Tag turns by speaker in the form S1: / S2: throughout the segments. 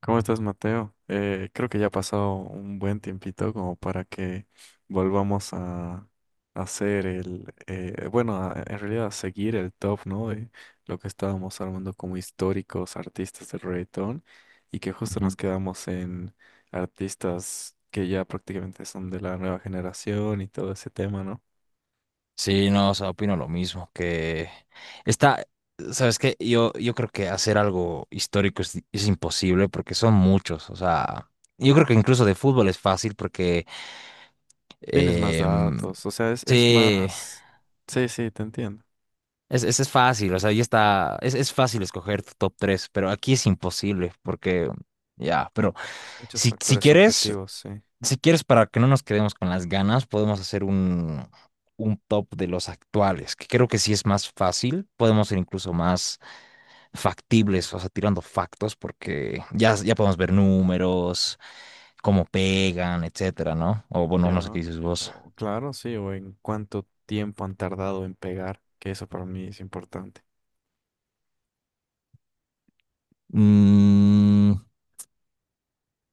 S1: ¿Cómo estás, Mateo? Creo que ya ha pasado un buen tiempito como para que volvamos a hacer en realidad a seguir el top, ¿no? De lo que estábamos armando como históricos artistas del reggaetón y que justo nos
S2: Ujú.
S1: quedamos en artistas que ya prácticamente son de la nueva generación y todo ese tema, ¿no?
S2: Sí, no, o sea, opino lo mismo, que está, sabes que yo creo que hacer algo histórico es imposible porque son muchos, o sea, yo creo que incluso de fútbol es fácil porque,
S1: Tienes más
S2: em,
S1: datos, o sea, es
S2: sí,
S1: más... Sí, sí, te entiendo.
S2: es fácil, o sea, ya está, es fácil escoger tu top 3 pero aquí es imposible porque, ya, pero
S1: Muchos
S2: si
S1: factores
S2: quieres...
S1: subjetivos, sí.
S2: Si quieres, para que no nos quedemos con las ganas, podemos hacer un, top de los actuales, que creo que sí es más fácil. Podemos ser incluso más factibles, o sea, tirando factos, porque ya podemos ver números, cómo pegan, etcétera, ¿no? O bueno, no sé qué
S1: Ya.
S2: dices vos.
S1: O claro, sí, o en cuánto tiempo han tardado en pegar, que eso para mí es importante.
S2: Mm,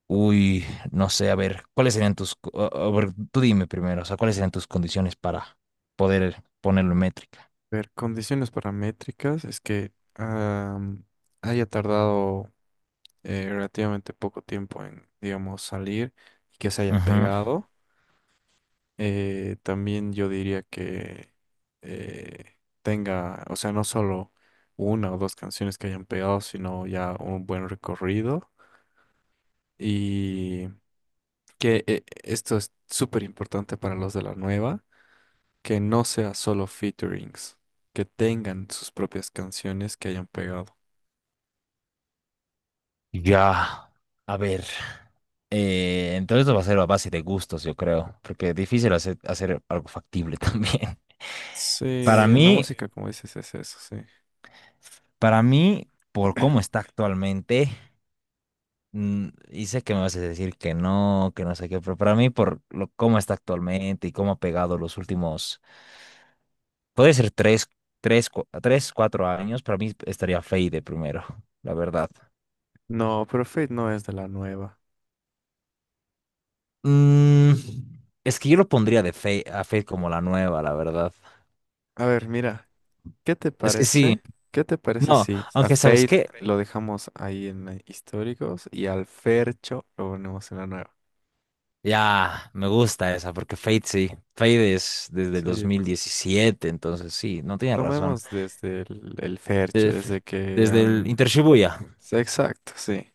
S2: uy, no sé, a ver, ¿cuáles serían tus? A a ver, tú dime primero. O sea, ¿cuáles serían tus condiciones para poder ponerlo en métrica?
S1: Ver, condiciones paramétricas es que haya tardado relativamente poco tiempo en, digamos, salir y que se haya
S2: Ujú.
S1: pegado. También yo diría que tenga, o sea, no solo una o dos canciones que hayan pegado, sino ya un buen recorrido. Y que esto es súper importante para los de la nueva, que no sea solo featurings, que tengan sus propias canciones que hayan pegado.
S2: Ya, a ver. Entonces va a ser a base de gustos, yo creo, porque es difícil hacer algo factible también.
S1: Sí,
S2: Para, sí,
S1: en la
S2: mí,
S1: música, como dices, es eso, sí.
S2: por cómo está actualmente, y sé que me vas a decir que no sé qué, pero para mí, por lo, cómo está actualmente y cómo ha pegado los últimos, puede ser tres, 4 años, para mí estaría Fade primero, la verdad.
S1: No, pero Fate no es de la nueva.
S2: Mm, es que yo lo pondría de Fade, a Fade como la nueva, la verdad.
S1: A ver, mira, ¿qué te
S2: Es que sí,
S1: parece? ¿Qué te parece
S2: no,
S1: si a
S2: aunque ¿sabes
S1: Fate
S2: qué?
S1: lo dejamos ahí en históricos y al Fercho lo ponemos en la nueva?
S2: Ya, me gusta esa, porque Fade sí. Fade es desde el
S1: Sí,
S2: 2017, entonces sí, no tiene razón.
S1: tomemos desde el Fercho,
S2: De-
S1: desde que
S2: Desde, el
S1: han...
S2: Inter Shibuya,
S1: Sí, exacto, sí.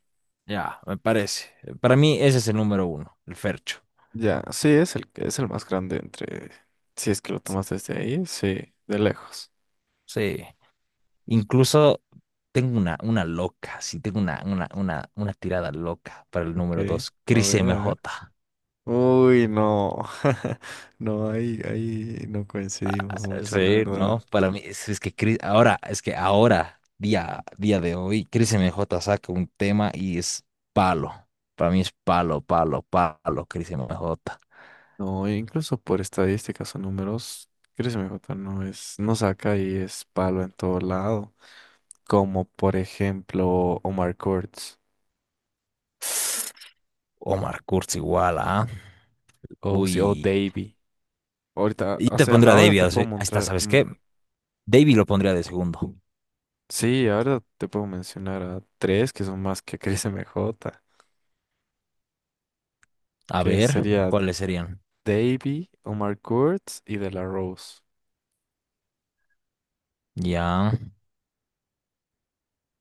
S2: ya, me parece. Para mí ese es el número uno, el Fercho.
S1: Ya, sí, es es el más grande entre, si es que lo tomas desde ahí, sí, de lejos.
S2: Sí. Incluso tengo una loca, sí, tengo una tirada loca para el
S1: Ok,
S2: número dos,
S1: a
S2: Cris
S1: ver,
S2: M
S1: a ver.
S2: J.
S1: Uy, no, no, ahí no coincidimos mucho, la
S2: Sí, no,
S1: verdad.
S2: para mí es que ahora, día de hoy, Chris MJ saca un tema y es palo. Para mí es palo, palo, palo, Chris MJ.
S1: No, e incluso por estadísticas o números, Chris Mejota no es, no saca y es palo en todo lado, como por ejemplo Omar Courtz
S2: Omar Kurz igual, ¿ah?
S1: o, si- o
S2: Uy.
S1: Davey. Ahorita,
S2: Y
S1: o
S2: te
S1: sea,
S2: pondría a
S1: ahora
S2: Davey,
S1: te puedo
S2: ahí está,
S1: mostrar,
S2: ¿sabes qué? Davey lo pondría de segundo.
S1: sí, ahora te puedo mencionar a tres que son más que Chris MJ,
S2: A
S1: que
S2: ver,
S1: sería
S2: ¿cuáles serían?
S1: Davey, Omar Kurtz y De La Rose.
S2: Ya.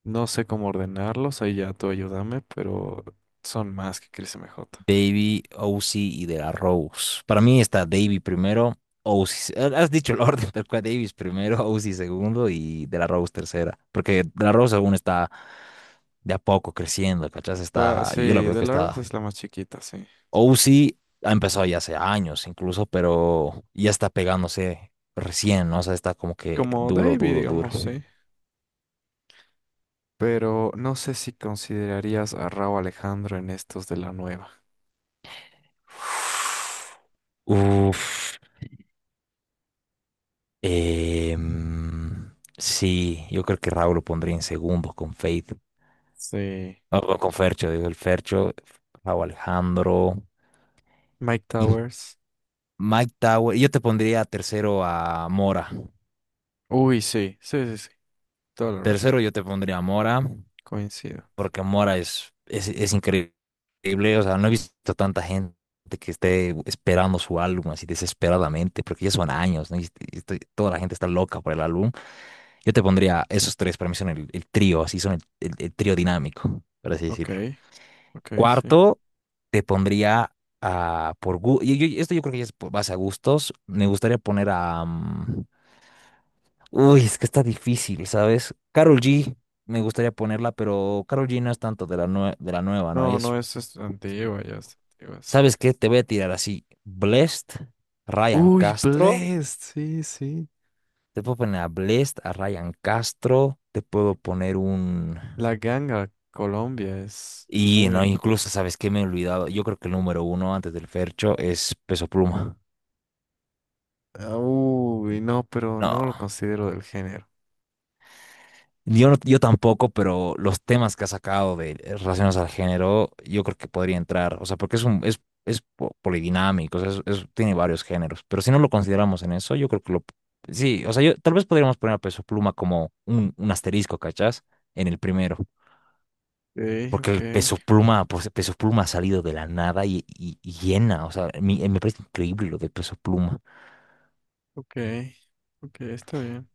S1: No sé cómo ordenarlos, ahí ya tú ayúdame, pero son más que Chris MJ.
S2: Davey, Ozzy y De La Rose. Para mí está Davey primero, Ozzy. Has dicho el orden, tal cual. Davies primero, Ozzy segundo y De La Rose tercera. Porque De La Rose aún está de a poco creciendo, ¿cachás? Está,
S1: Sí,
S2: yo lo veo que,
S1: De
S2: sí,
S1: La Rose
S2: está.
S1: es la más chiquita, sí.
S2: Ozzy ha empezado ya hace años incluso, pero ya está pegándose recién, ¿no? O sea, está como que
S1: Como
S2: duro,
S1: Davey,
S2: duro, duro.
S1: digamos, sí. Pero no sé si considerarías a Rauw Alejandro en estos de la nueva.
S2: Uf. Sí, yo creo que Raúl lo pondría en segundos con Faith,
S1: Sí.
S2: no, no, con Fercho, digo, el Fercho, Raúl Alejandro,
S1: Mike
S2: y
S1: Towers.
S2: Mike Tower. Yo te pondría tercero a Mora.
S1: Uy, sí, sí, sí, sí. Toda la razón.
S2: Tercero yo te pondría a Mora,
S1: Coincido.
S2: porque Mora es increíble. O sea, no he visto tanta gente que esté esperando su álbum así desesperadamente, porque ya son años, ¿no? Toda la gente está loca por el álbum. Yo te pondría esos tres, para mí son el trío, así son el trío dinámico, por así
S1: Ok,
S2: decirlo.
S1: ok, sí.
S2: Cuarto, te pondría a, por gu- y- esto yo creo que ya es más a gustos, me gustaría poner a, uy, es que está difícil, ¿sabes? Carol G, me gustaría ponerla, pero Carol G no es tanto de la, de la nueva, ¿no?
S1: No,
S2: Ella es,
S1: no, es antigua, ya es antigua, sí.
S2: ¿sabes qué? Te voy a tirar así, Blessed, Ryan
S1: Uy,
S2: Castro,
S1: Blessed, sí, sí.
S2: te puedo poner a Blessed, a Ryan Castro, te puedo poner un...
S1: La ganga Colombia es
S2: Y no,
S1: muy...
S2: incluso, ¿sabes qué? Me he olvidado. Yo creo que el número uno antes del Fercho es Peso Pluma.
S1: Ah, uy, no, pero
S2: No,
S1: no lo considero del género.
S2: yo tampoco, pero los temas que ha sacado de relacionados al género, yo creo que podría entrar. O sea, porque es polodinámico, o sea, tiene varios géneros. Pero si no lo consideramos en eso, yo creo que lo. Sí, o sea, yo, tal vez podríamos poner a Peso Pluma como un, asterisco, ¿cachás? En el primero.
S1: Ok,
S2: Porque
S1: ok,
S2: el Peso Pluma, pues Peso Pluma ha salido de la nada y, y llena. O sea, me parece increíble lo de Peso Pluma.
S1: ok, ok, está bien.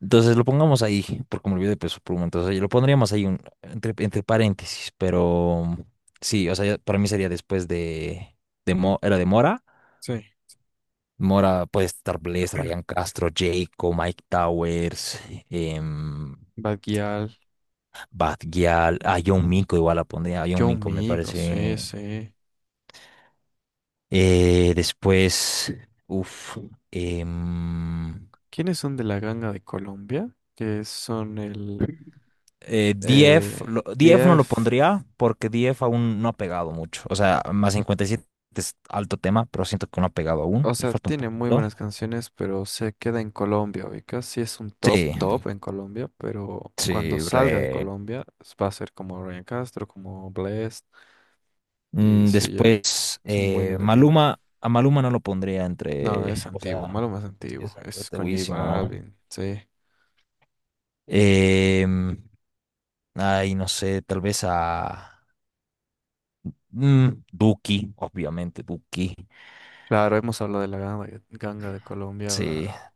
S2: Entonces lo pongamos ahí, porque me olvidé de peso por un momento. O sea, yo lo pondríamos ahí entre, paréntesis, pero sí, o sea, para mí sería después de Mo- era de Mora.
S1: Sí.
S2: Mora puede estar Blaze, Ryan Castro, Jayco, Mike Towers, em,
S1: Baguial,
S2: Bad Gyal, a John Minko igual la pondría. A John
S1: Yo
S2: Minko me
S1: Migo, sí,
S2: parece.
S1: sí.
S2: Después, uff,
S1: ¿Quiénes son de la ganga de Colombia? Que son el eh,
S2: DF no lo pondría porque DF aún no ha pegado mucho. O sea, más 57 es alto tema, pero siento que no ha pegado aún.
S1: o
S2: Le
S1: sea,
S2: falta un
S1: tiene muy
S2: poquito.
S1: buenas canciones, pero se queda en Colombia, ubicas. Sí es un top,
S2: Sí,
S1: top en Colombia, pero cuando
S2: sí,
S1: salga de
S2: re.
S1: Colombia va a ser como Ryan Castro, como Blessd, y sí,
S2: Después,
S1: es un buen emergente.
S2: Maluma, a Maluma no lo pondría
S1: No, es
S2: entre. O
S1: antiguo,
S2: sea,
S1: malo más
S2: sí,
S1: antiguo,
S2: es
S1: es
S2: bastante
S1: con J
S2: buenísimo, ¿no?
S1: Balvin, sí.
S2: Em, Ay, no sé, tal vez a. Duki, obviamente, Duki.
S1: Claro, hemos hablado de la ganga, ganga de Colombia,
S2: Sí,
S1: ahora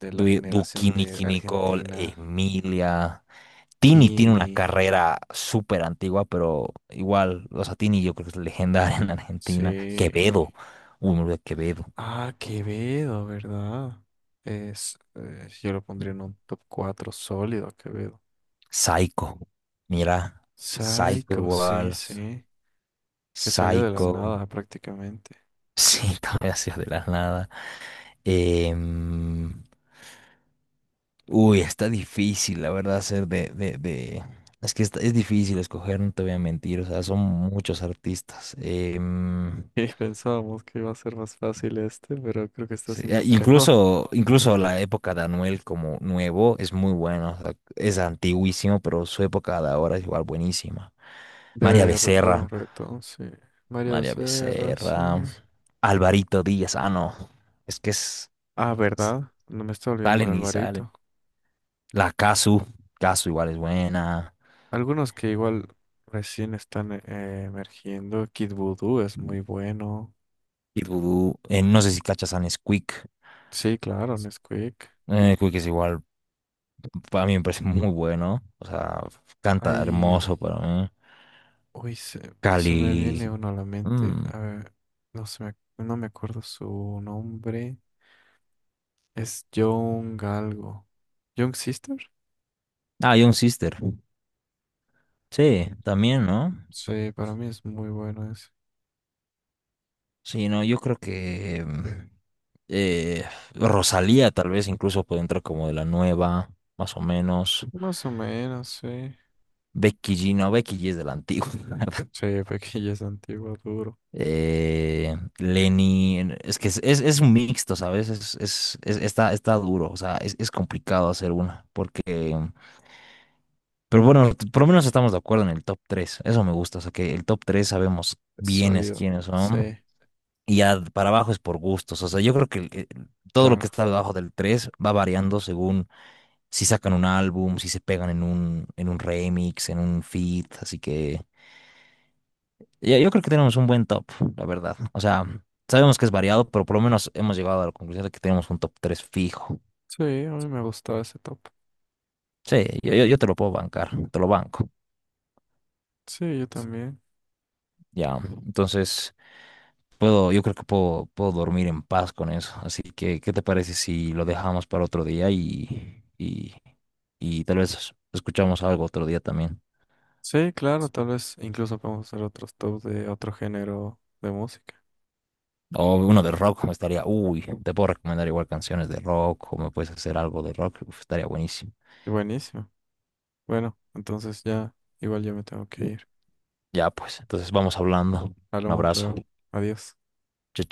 S1: de la
S2: Duki,
S1: generación de
S2: Nicki Nicole,
S1: Argentina,
S2: Emilia. Tini tiene una
S1: Tini,
S2: carrera súper antigua, pero igual, o sea, Tini yo creo que es legendaria en Argentina.
S1: sí.
S2: Quevedo, uy, me olvidé de Quevedo.
S1: Ah, Quevedo, ¿verdad? Es, yo lo pondría en un top 4 sólido, Quevedo.
S2: Saico, mira, Saico
S1: Psycho, sí,
S2: igual,
S1: sí. Que salió de la
S2: Saico,
S1: nada prácticamente.
S2: sí, también hacía de la nada. Em, Uy, está difícil, la verdad, hacer es que es difícil escoger, no te voy a mentir, o sea, son muchos artistas.
S1: Y pensábamos que iba a ser más fácil este, pero creo que está
S2: Sí,
S1: siendo peor.
S2: incluso la época de Anuel como nuevo es muy buena. O sea, es antiguísimo, pero su época de ahora es igual buenísima. María
S1: Buen
S2: Becerra,
S1: reto, sí. Mario
S2: María
S1: Serra, sí.
S2: Becerra, Alvarito Díaz, ah, no. Es que
S1: Ah,
S2: es-
S1: ¿verdad? No me está olvidando de
S2: salen y salen.
S1: Alvarito.
S2: La Casu, Casu igual es buena.
S1: Algunos que igual recién están emergiendo. Kid Voodoo es muy bueno.
S2: Y Dudu, no sé si cachas a Nesquik.
S1: Sí, claro, Nesquik.
S2: Quick es igual, para mí me parece muy bueno. O sea, canta
S1: Ay,
S2: hermoso para mí.
S1: uy, se me
S2: Cali.
S1: viene uno a la mente.
S2: mm,
S1: A ver, no me acuerdo su nombre. Es Young algo. Young Sister.
S2: Ah, Young Sister. Sí, también, ¿no?
S1: Sí, para mí es muy bueno ese.
S2: Sí, no, yo creo que eh, Rosalía tal vez incluso puede entrar como de la nueva, más o menos.
S1: Más o menos, sí.
S2: Becky G, no, Becky G es de la antigua. La verdad.
S1: Sí, porque ya es antiguo, duro,
S2: Lenny, es que es un mixto, ¿sabes? Está duro, o sea, es complicado hacer una, porque pero bueno, por lo menos estamos de acuerdo en el top 3. Eso me gusta, o sea, que el top 3 sabemos
S1: es
S2: bien es
S1: sólido.
S2: quiénes son.
S1: Sí,
S2: Y ya para abajo es por gustos. O sea, yo creo que todo lo que
S1: claro.
S2: está debajo del 3 va variando según si sacan un álbum, si se pegan en un, remix, en un feat. Así que yo creo que tenemos un buen top, la verdad. O sea, sabemos que es variado, pero por lo menos hemos llegado a la conclusión de que tenemos un top 3 fijo.
S1: Sí, a mí me gustaba ese top.
S2: Sí, yo te lo puedo bancar, te lo banco.
S1: Sí, yo también.
S2: Ya, entonces. Yo creo que puedo dormir en paz con eso. Así que, ¿qué te parece si lo dejamos para otro día y, y tal vez escuchamos algo otro día también?
S1: Sí, claro, tal vez incluso podemos hacer otros tops de otro género de música.
S2: O uno de rock, me estaría, uy, te puedo recomendar igual canciones de rock o me puedes hacer algo de rock, uf, estaría buenísimo.
S1: Buenísimo. Bueno, entonces ya, igual yo me tengo que ir.
S2: Ya pues, entonces vamos hablando. Un
S1: Hablamos
S2: abrazo.
S1: luego. Adiós.
S2: Chao, chao.